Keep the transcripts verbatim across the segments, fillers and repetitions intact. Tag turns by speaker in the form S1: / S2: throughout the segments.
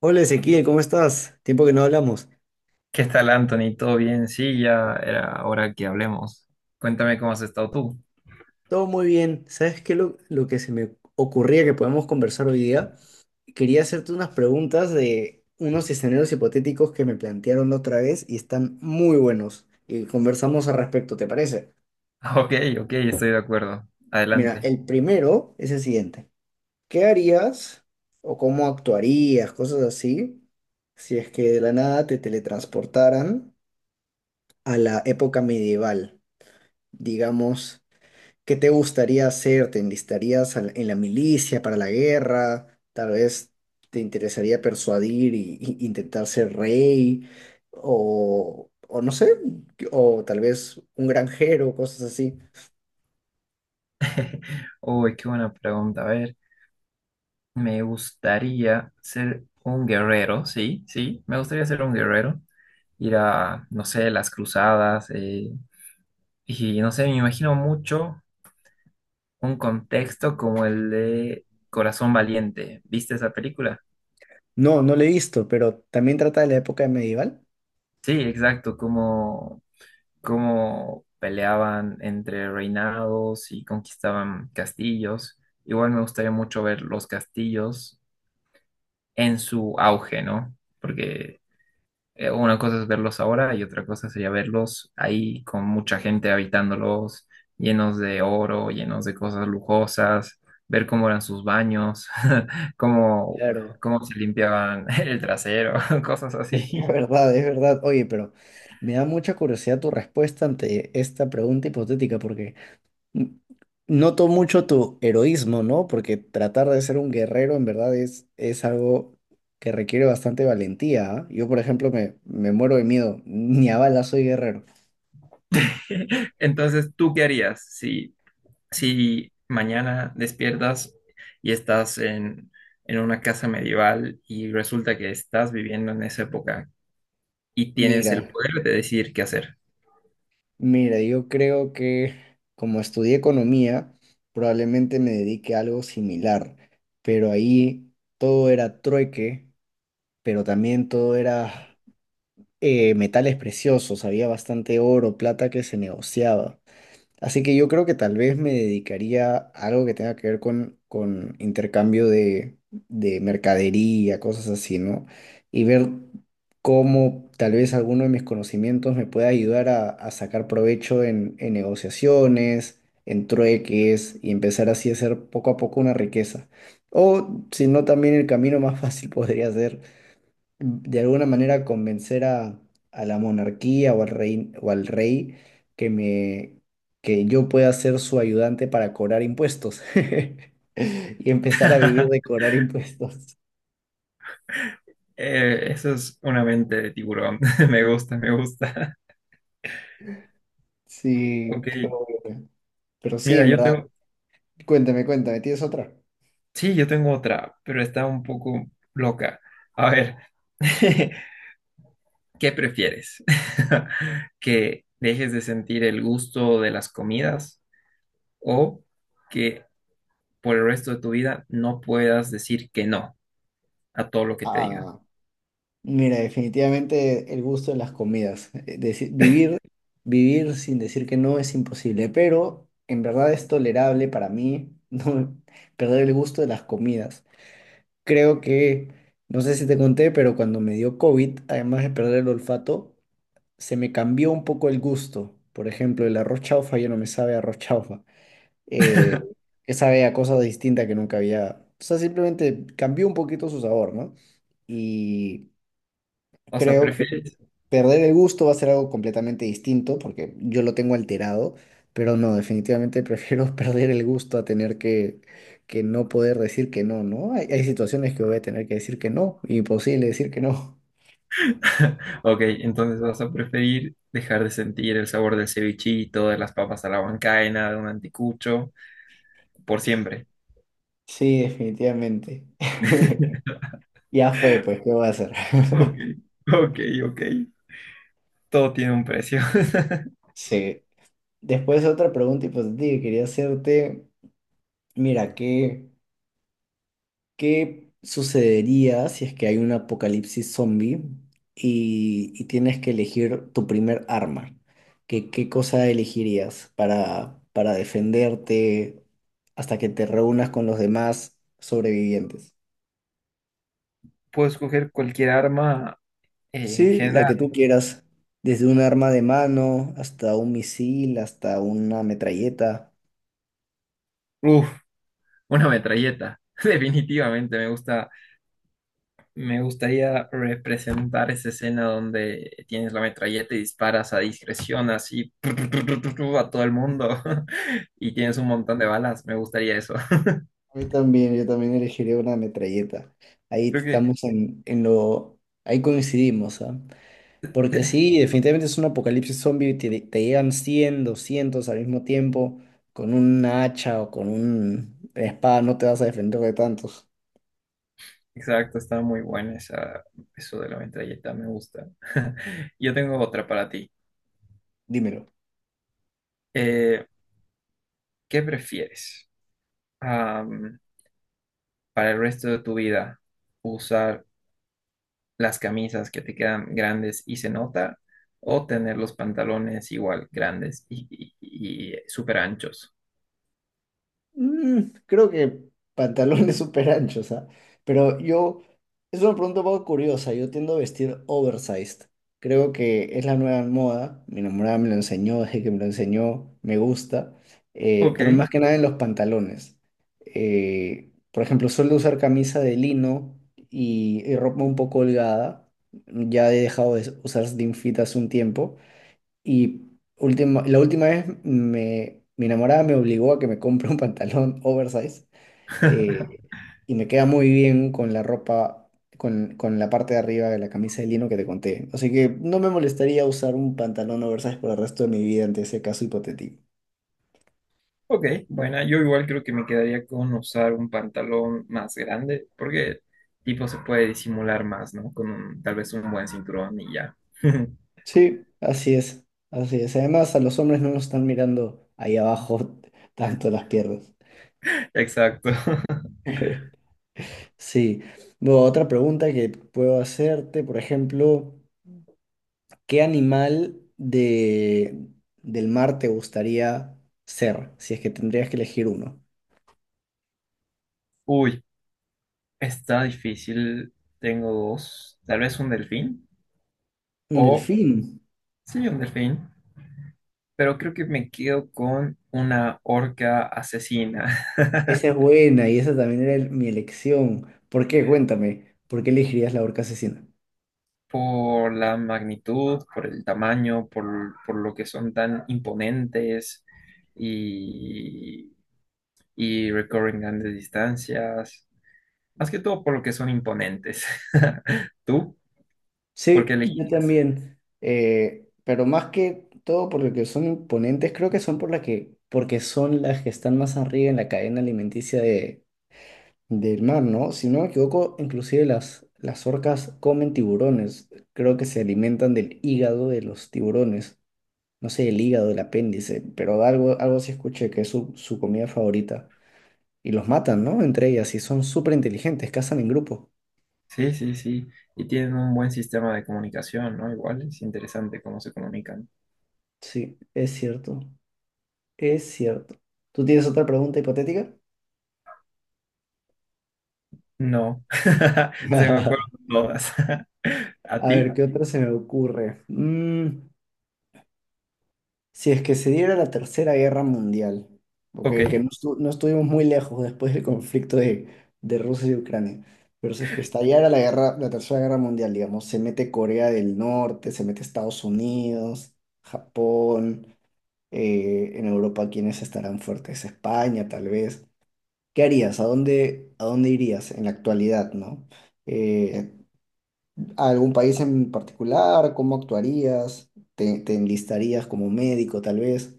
S1: Hola Ezequiel, ¿cómo estás? Tiempo que no hablamos.
S2: ¿Qué tal, Anthony? ¿Todo bien? Sí, ya era hora que hablemos. Cuéntame cómo has estado tú.
S1: Todo muy bien. ¿Sabes qué? Lo, lo que se me ocurría que podemos conversar hoy día, quería hacerte unas preguntas de unos escenarios hipotéticos que me plantearon la otra vez y están muy buenos. Y conversamos al respecto, ¿te parece?
S2: Ok, ok, estoy de acuerdo.
S1: Mira,
S2: Adelante.
S1: el primero es el siguiente. ¿Qué harías o cómo actuarías, cosas así, si es que de la nada te teletransportaran a la época medieval? Digamos, ¿qué te gustaría hacer? ¿Te enlistarías al- en la milicia para la guerra? Tal vez te interesaría persuadir y, y- intentar ser rey o, o no sé, o tal vez un granjero, cosas así.
S2: Uy, qué buena pregunta. A ver, me gustaría ser un guerrero, sí, sí, me gustaría ser un guerrero. Ir a, no sé, las cruzadas. Eh, y no sé, me imagino mucho un contexto como el de Corazón Valiente. ¿Viste esa película?
S1: No, no lo he visto, pero también trata de la época medieval.
S2: Sí, exacto, como cómo peleaban entre reinados y conquistaban castillos. Igual me gustaría mucho ver los castillos en su auge, ¿no? Porque eh, una cosa es verlos ahora y otra cosa sería verlos ahí con mucha gente habitándolos, llenos de oro, llenos de cosas lujosas, ver cómo eran sus baños, cómo,
S1: Claro.
S2: cómo se limpiaban el trasero, cosas
S1: Es
S2: así.
S1: verdad, es verdad. Oye, pero me da mucha curiosidad tu respuesta ante esta pregunta hipotética porque noto mucho tu heroísmo, ¿no? Porque tratar de ser un guerrero en verdad es, es algo que requiere bastante valentía, ¿ah? Yo, por ejemplo, me, me muero de miedo. Ni a balas soy guerrero.
S2: Entonces, ¿tú qué harías si Si mañana despiertas y estás en, en una casa medieval y resulta que estás viviendo en esa época y tienes
S1: Mira,
S2: el poder de decidir qué hacer?
S1: mira, yo creo que como estudié economía, probablemente me dedique a algo similar. Pero ahí todo era trueque, pero también todo era eh, metales preciosos. Había bastante oro, plata que se negociaba. Así que yo creo que tal vez me dedicaría a algo que tenga que ver con, con intercambio de, de mercadería, cosas así, ¿no? Y ver cómo tal vez alguno de mis conocimientos me pueda ayudar a, a sacar provecho en, en negociaciones, en trueques y empezar así a hacer poco a poco una riqueza. O si no, también el camino más fácil podría ser de alguna manera convencer a, a la monarquía o al rey, o al rey que me, que yo pueda ser su ayudante para cobrar impuestos y empezar a vivir de cobrar impuestos.
S2: Eh, eso es una mente de tiburón. Me gusta, me gusta. Ok,
S1: Sí, qué bueno. Pero sí,
S2: mira,
S1: en
S2: yo
S1: verdad,
S2: tengo,
S1: cuéntame, cuéntame, ¿tienes otra?
S2: sí, yo tengo otra, pero está un poco loca. A ver, ¿qué prefieres? ¿Que dejes de sentir el gusto de las comidas o que por el resto de tu vida no puedas decir que no a todo lo que te digan?
S1: Ah, mira, definitivamente el gusto de las comidas. Eh, deci- vivir, vivir sin decir que no es imposible, pero en verdad es tolerable para mí no perder el gusto de las comidas. Creo que, no sé si te conté, pero cuando me dio COVID, además de perder el olfato, se me cambió un poco el gusto. Por ejemplo, el arroz chaufa ya no me sabe a arroz chaufa, eh, que sabe a cosas distintas que nunca había. O sea, simplemente cambió un poquito su sabor, ¿no? Y
S2: O sea,
S1: creo que
S2: prefieres.
S1: perder el gusto va a ser algo completamente distinto porque yo lo tengo alterado, pero no, definitivamente prefiero perder el gusto a tener que, que no poder decir que no, ¿no? Hay, hay situaciones que voy a tener que decir que no, imposible decir que no.
S2: Ok, entonces vas a preferir dejar de sentir el sabor del cevichito, de las papas a la huancaina, de un anticucho, por siempre.
S1: Sí, definitivamente. Ya fue, pues, ¿qué voy a hacer?
S2: Ok, ok, ok. Todo tiene un precio.
S1: Sí. Después otra pregunta hipotética que quería hacerte, mira, ¿qué? ¿Qué sucedería si es que hay un apocalipsis zombie y, y tienes que elegir tu primer arma? ¿Qué, qué cosa elegirías para, para defenderte hasta que te reúnas con los demás sobrevivientes?
S2: Puedo escoger cualquier arma eh, en
S1: Sí, la
S2: general.
S1: que tú quieras, desde un arma de mano hasta un misil, hasta una metralleta.
S2: Uf, una metralleta. Definitivamente me gusta. Me gustaría representar esa escena donde tienes la metralleta y disparas a discreción, así a todo el
S1: Ujú.
S2: mundo y tienes
S1: Sí,
S2: un montón de balas. Me gustaría eso.
S1: a mí también, yo también elegiría una metralleta. Ahí
S2: Creo que,
S1: estamos en, en lo, ahí coincidimos, ¿ah? Porque sí, definitivamente es un apocalipsis zombie, y te, te llegan cien, doscientos al mismo tiempo, con un hacha o con un espada no te vas a defender de tantos.
S2: exacto, está muy buena esa, eso de la metralleta, me gusta. Yo tengo otra para ti.
S1: Dímelo.
S2: Eh, ¿Qué prefieres? Am, para el resto de tu vida, usar las camisas que te quedan grandes y se nota, o tener los pantalones igual grandes y, y, y súper anchos.
S1: Mm, creo que pantalones súper anchos, ¿ah? Pero yo, es una pregunta un poco curiosa, yo tiendo a vestir oversized. Creo que es la nueva moda, mi enamorada me lo enseñó, desde que me lo enseñó, me gusta, eh, pero
S2: Ok.
S1: más que nada en los pantalones. Eh, por ejemplo, suelo usar camisa de lino y, y ropa un poco holgada, ya he dejado de usar slim fit hace un tiempo, y última, la última vez me, mi enamorada me obligó a que me compre un pantalón oversize eh, y me queda muy bien con la ropa, con, con la parte de arriba de la camisa de lino que te conté. Así que no me molestaría usar un pantalón oversize por el resto de mi vida ante ese caso hipotético.
S2: Ok, bueno, yo igual creo que me quedaría con usar un pantalón más grande, porque tipo se puede disimular más, ¿no? Con un- tal vez un buen cinturón y ya.
S1: Sí, así es, así es. Además, a los hombres no nos están mirando ahí abajo tanto las piernas.
S2: Exacto.
S1: Sí. Bueno, otra pregunta que puedo hacerte, por ejemplo. ¿Qué animal de, del mar te gustaría ser? Si es que tendrías que elegir uno.
S2: Uy, está difícil. Tengo dos. Tal vez un delfín.
S1: Un
S2: O,
S1: delfín.
S2: sí, un delfín, pero creo que me quedo con una orca asesina
S1: Esa es buena y esa también era el- mi elección. ¿Por qué? Cuéntame. ¿Por qué elegirías la orca asesina?
S2: por la magnitud, por el tamaño, por, por lo que son tan imponentes y, y recorren grandes distancias, más que todo por lo que son imponentes. ¿Tú? ¿Por qué
S1: Sí, yo
S2: elegirías?
S1: también. Eh, pero más que todo por lo que son imponentes, creo que son por la que, porque son las que están más arriba en la cadena alimenticia del mar, ¿no? Si no me equivoco, inclusive las, las orcas comen tiburones. Creo que se alimentan del hígado de los tiburones. No sé, el hígado, el apéndice, pero algo, algo sí escuché que es su, su comida favorita. Y los matan, ¿no? Entre ellas, y son súper inteligentes, cazan en grupo.
S2: Sí, sí, sí. Y tienen un buen sistema de comunicación, ¿no? Igual es interesante cómo se comunican.
S1: Sí, es cierto, es cierto. ¿Tú tienes otra pregunta hipotética?
S2: No, se me fueron todas. ¿A
S1: A ver,
S2: ti?
S1: ¿qué otra se me ocurre? Mm, si es que se diera la Tercera Guerra Mundial, ¿ok?
S2: Ok.
S1: Que no, estu- no estuvimos muy lejos después del conflicto de, de Rusia y Ucrania, pero si es que estallara la guerra, la Tercera Guerra Mundial, digamos, se mete Corea del Norte, se mete Estados Unidos, Japón, eh, en Europa, ¿quiénes estarán fuertes? España, tal vez. ¿Qué harías? ¿A dónde, a dónde irías en la actualidad, ¿no? Eh, ¿a algún país en particular? ¿Cómo actuarías? ¿Te, te enlistarías como médico, tal vez?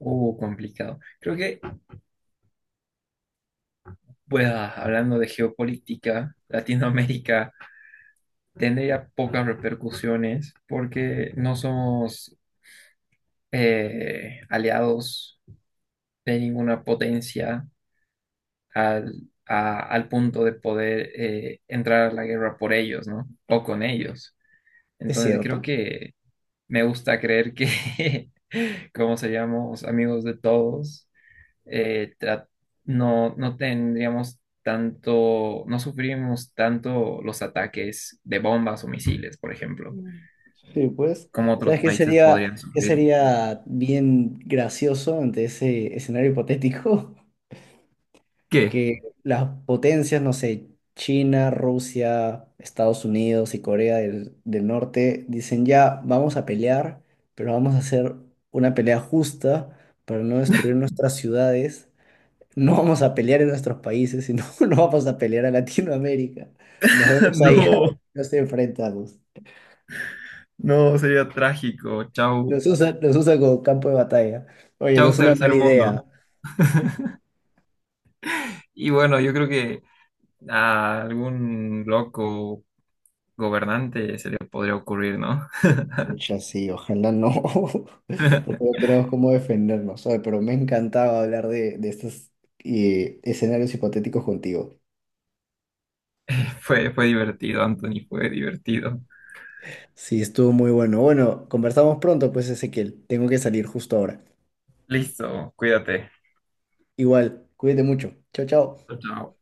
S2: Uh, complicado. Creo que, pues, ah, hablando de geopolítica, Latinoamérica tendría pocas repercusiones porque no somos eh, aliados de ninguna potencia al, a- al punto de poder eh, entrar a la guerra por ellos, ¿no? O con ellos.
S1: Es
S2: Entonces, creo
S1: cierto.
S2: que me gusta creer que, como seríamos amigos de todos, eh, tra- no, no tendríamos tanto, no sufrimos tanto los ataques de bombas o misiles, por ejemplo,
S1: Sí, pues,
S2: como otros
S1: ¿sabes qué
S2: países podrían
S1: sería, qué
S2: sufrir.
S1: sería bien gracioso ante ese escenario hipotético?
S2: ¿Qué?
S1: Que las potencias, no sé, China, Rusia, Estados Unidos y Corea del, del Norte dicen ya, vamos a pelear, pero vamos a hacer una pelea justa para no destruir nuestras ciudades. No vamos a pelear en nuestros países, sino no vamos a pelear a Latinoamérica. Nos vemos allá,
S2: No,
S1: nos enfrentamos.
S2: no, sería trágico. Chau,
S1: Los usa, los usa como campo de batalla. Oye, no
S2: chau,
S1: es una
S2: tercer
S1: mala
S2: mundo.
S1: idea.
S2: Y bueno, yo creo que a algún loco gobernante se le podría ocurrir, ¿no?
S1: Pucha, sí, ojalá no, porque no tenemos cómo defendernos. Oye, pero me encantaba hablar de, de estos eh, escenarios hipotéticos contigo.
S2: Fue, fue divertido, Anthony, fue divertido.
S1: Sí, estuvo muy bueno. Bueno, conversamos pronto, pues, Ezequiel. Tengo que salir justo ahora.
S2: Listo, cuídate.
S1: Igual, cuídate mucho. Chao, chao.
S2: Chao, chao.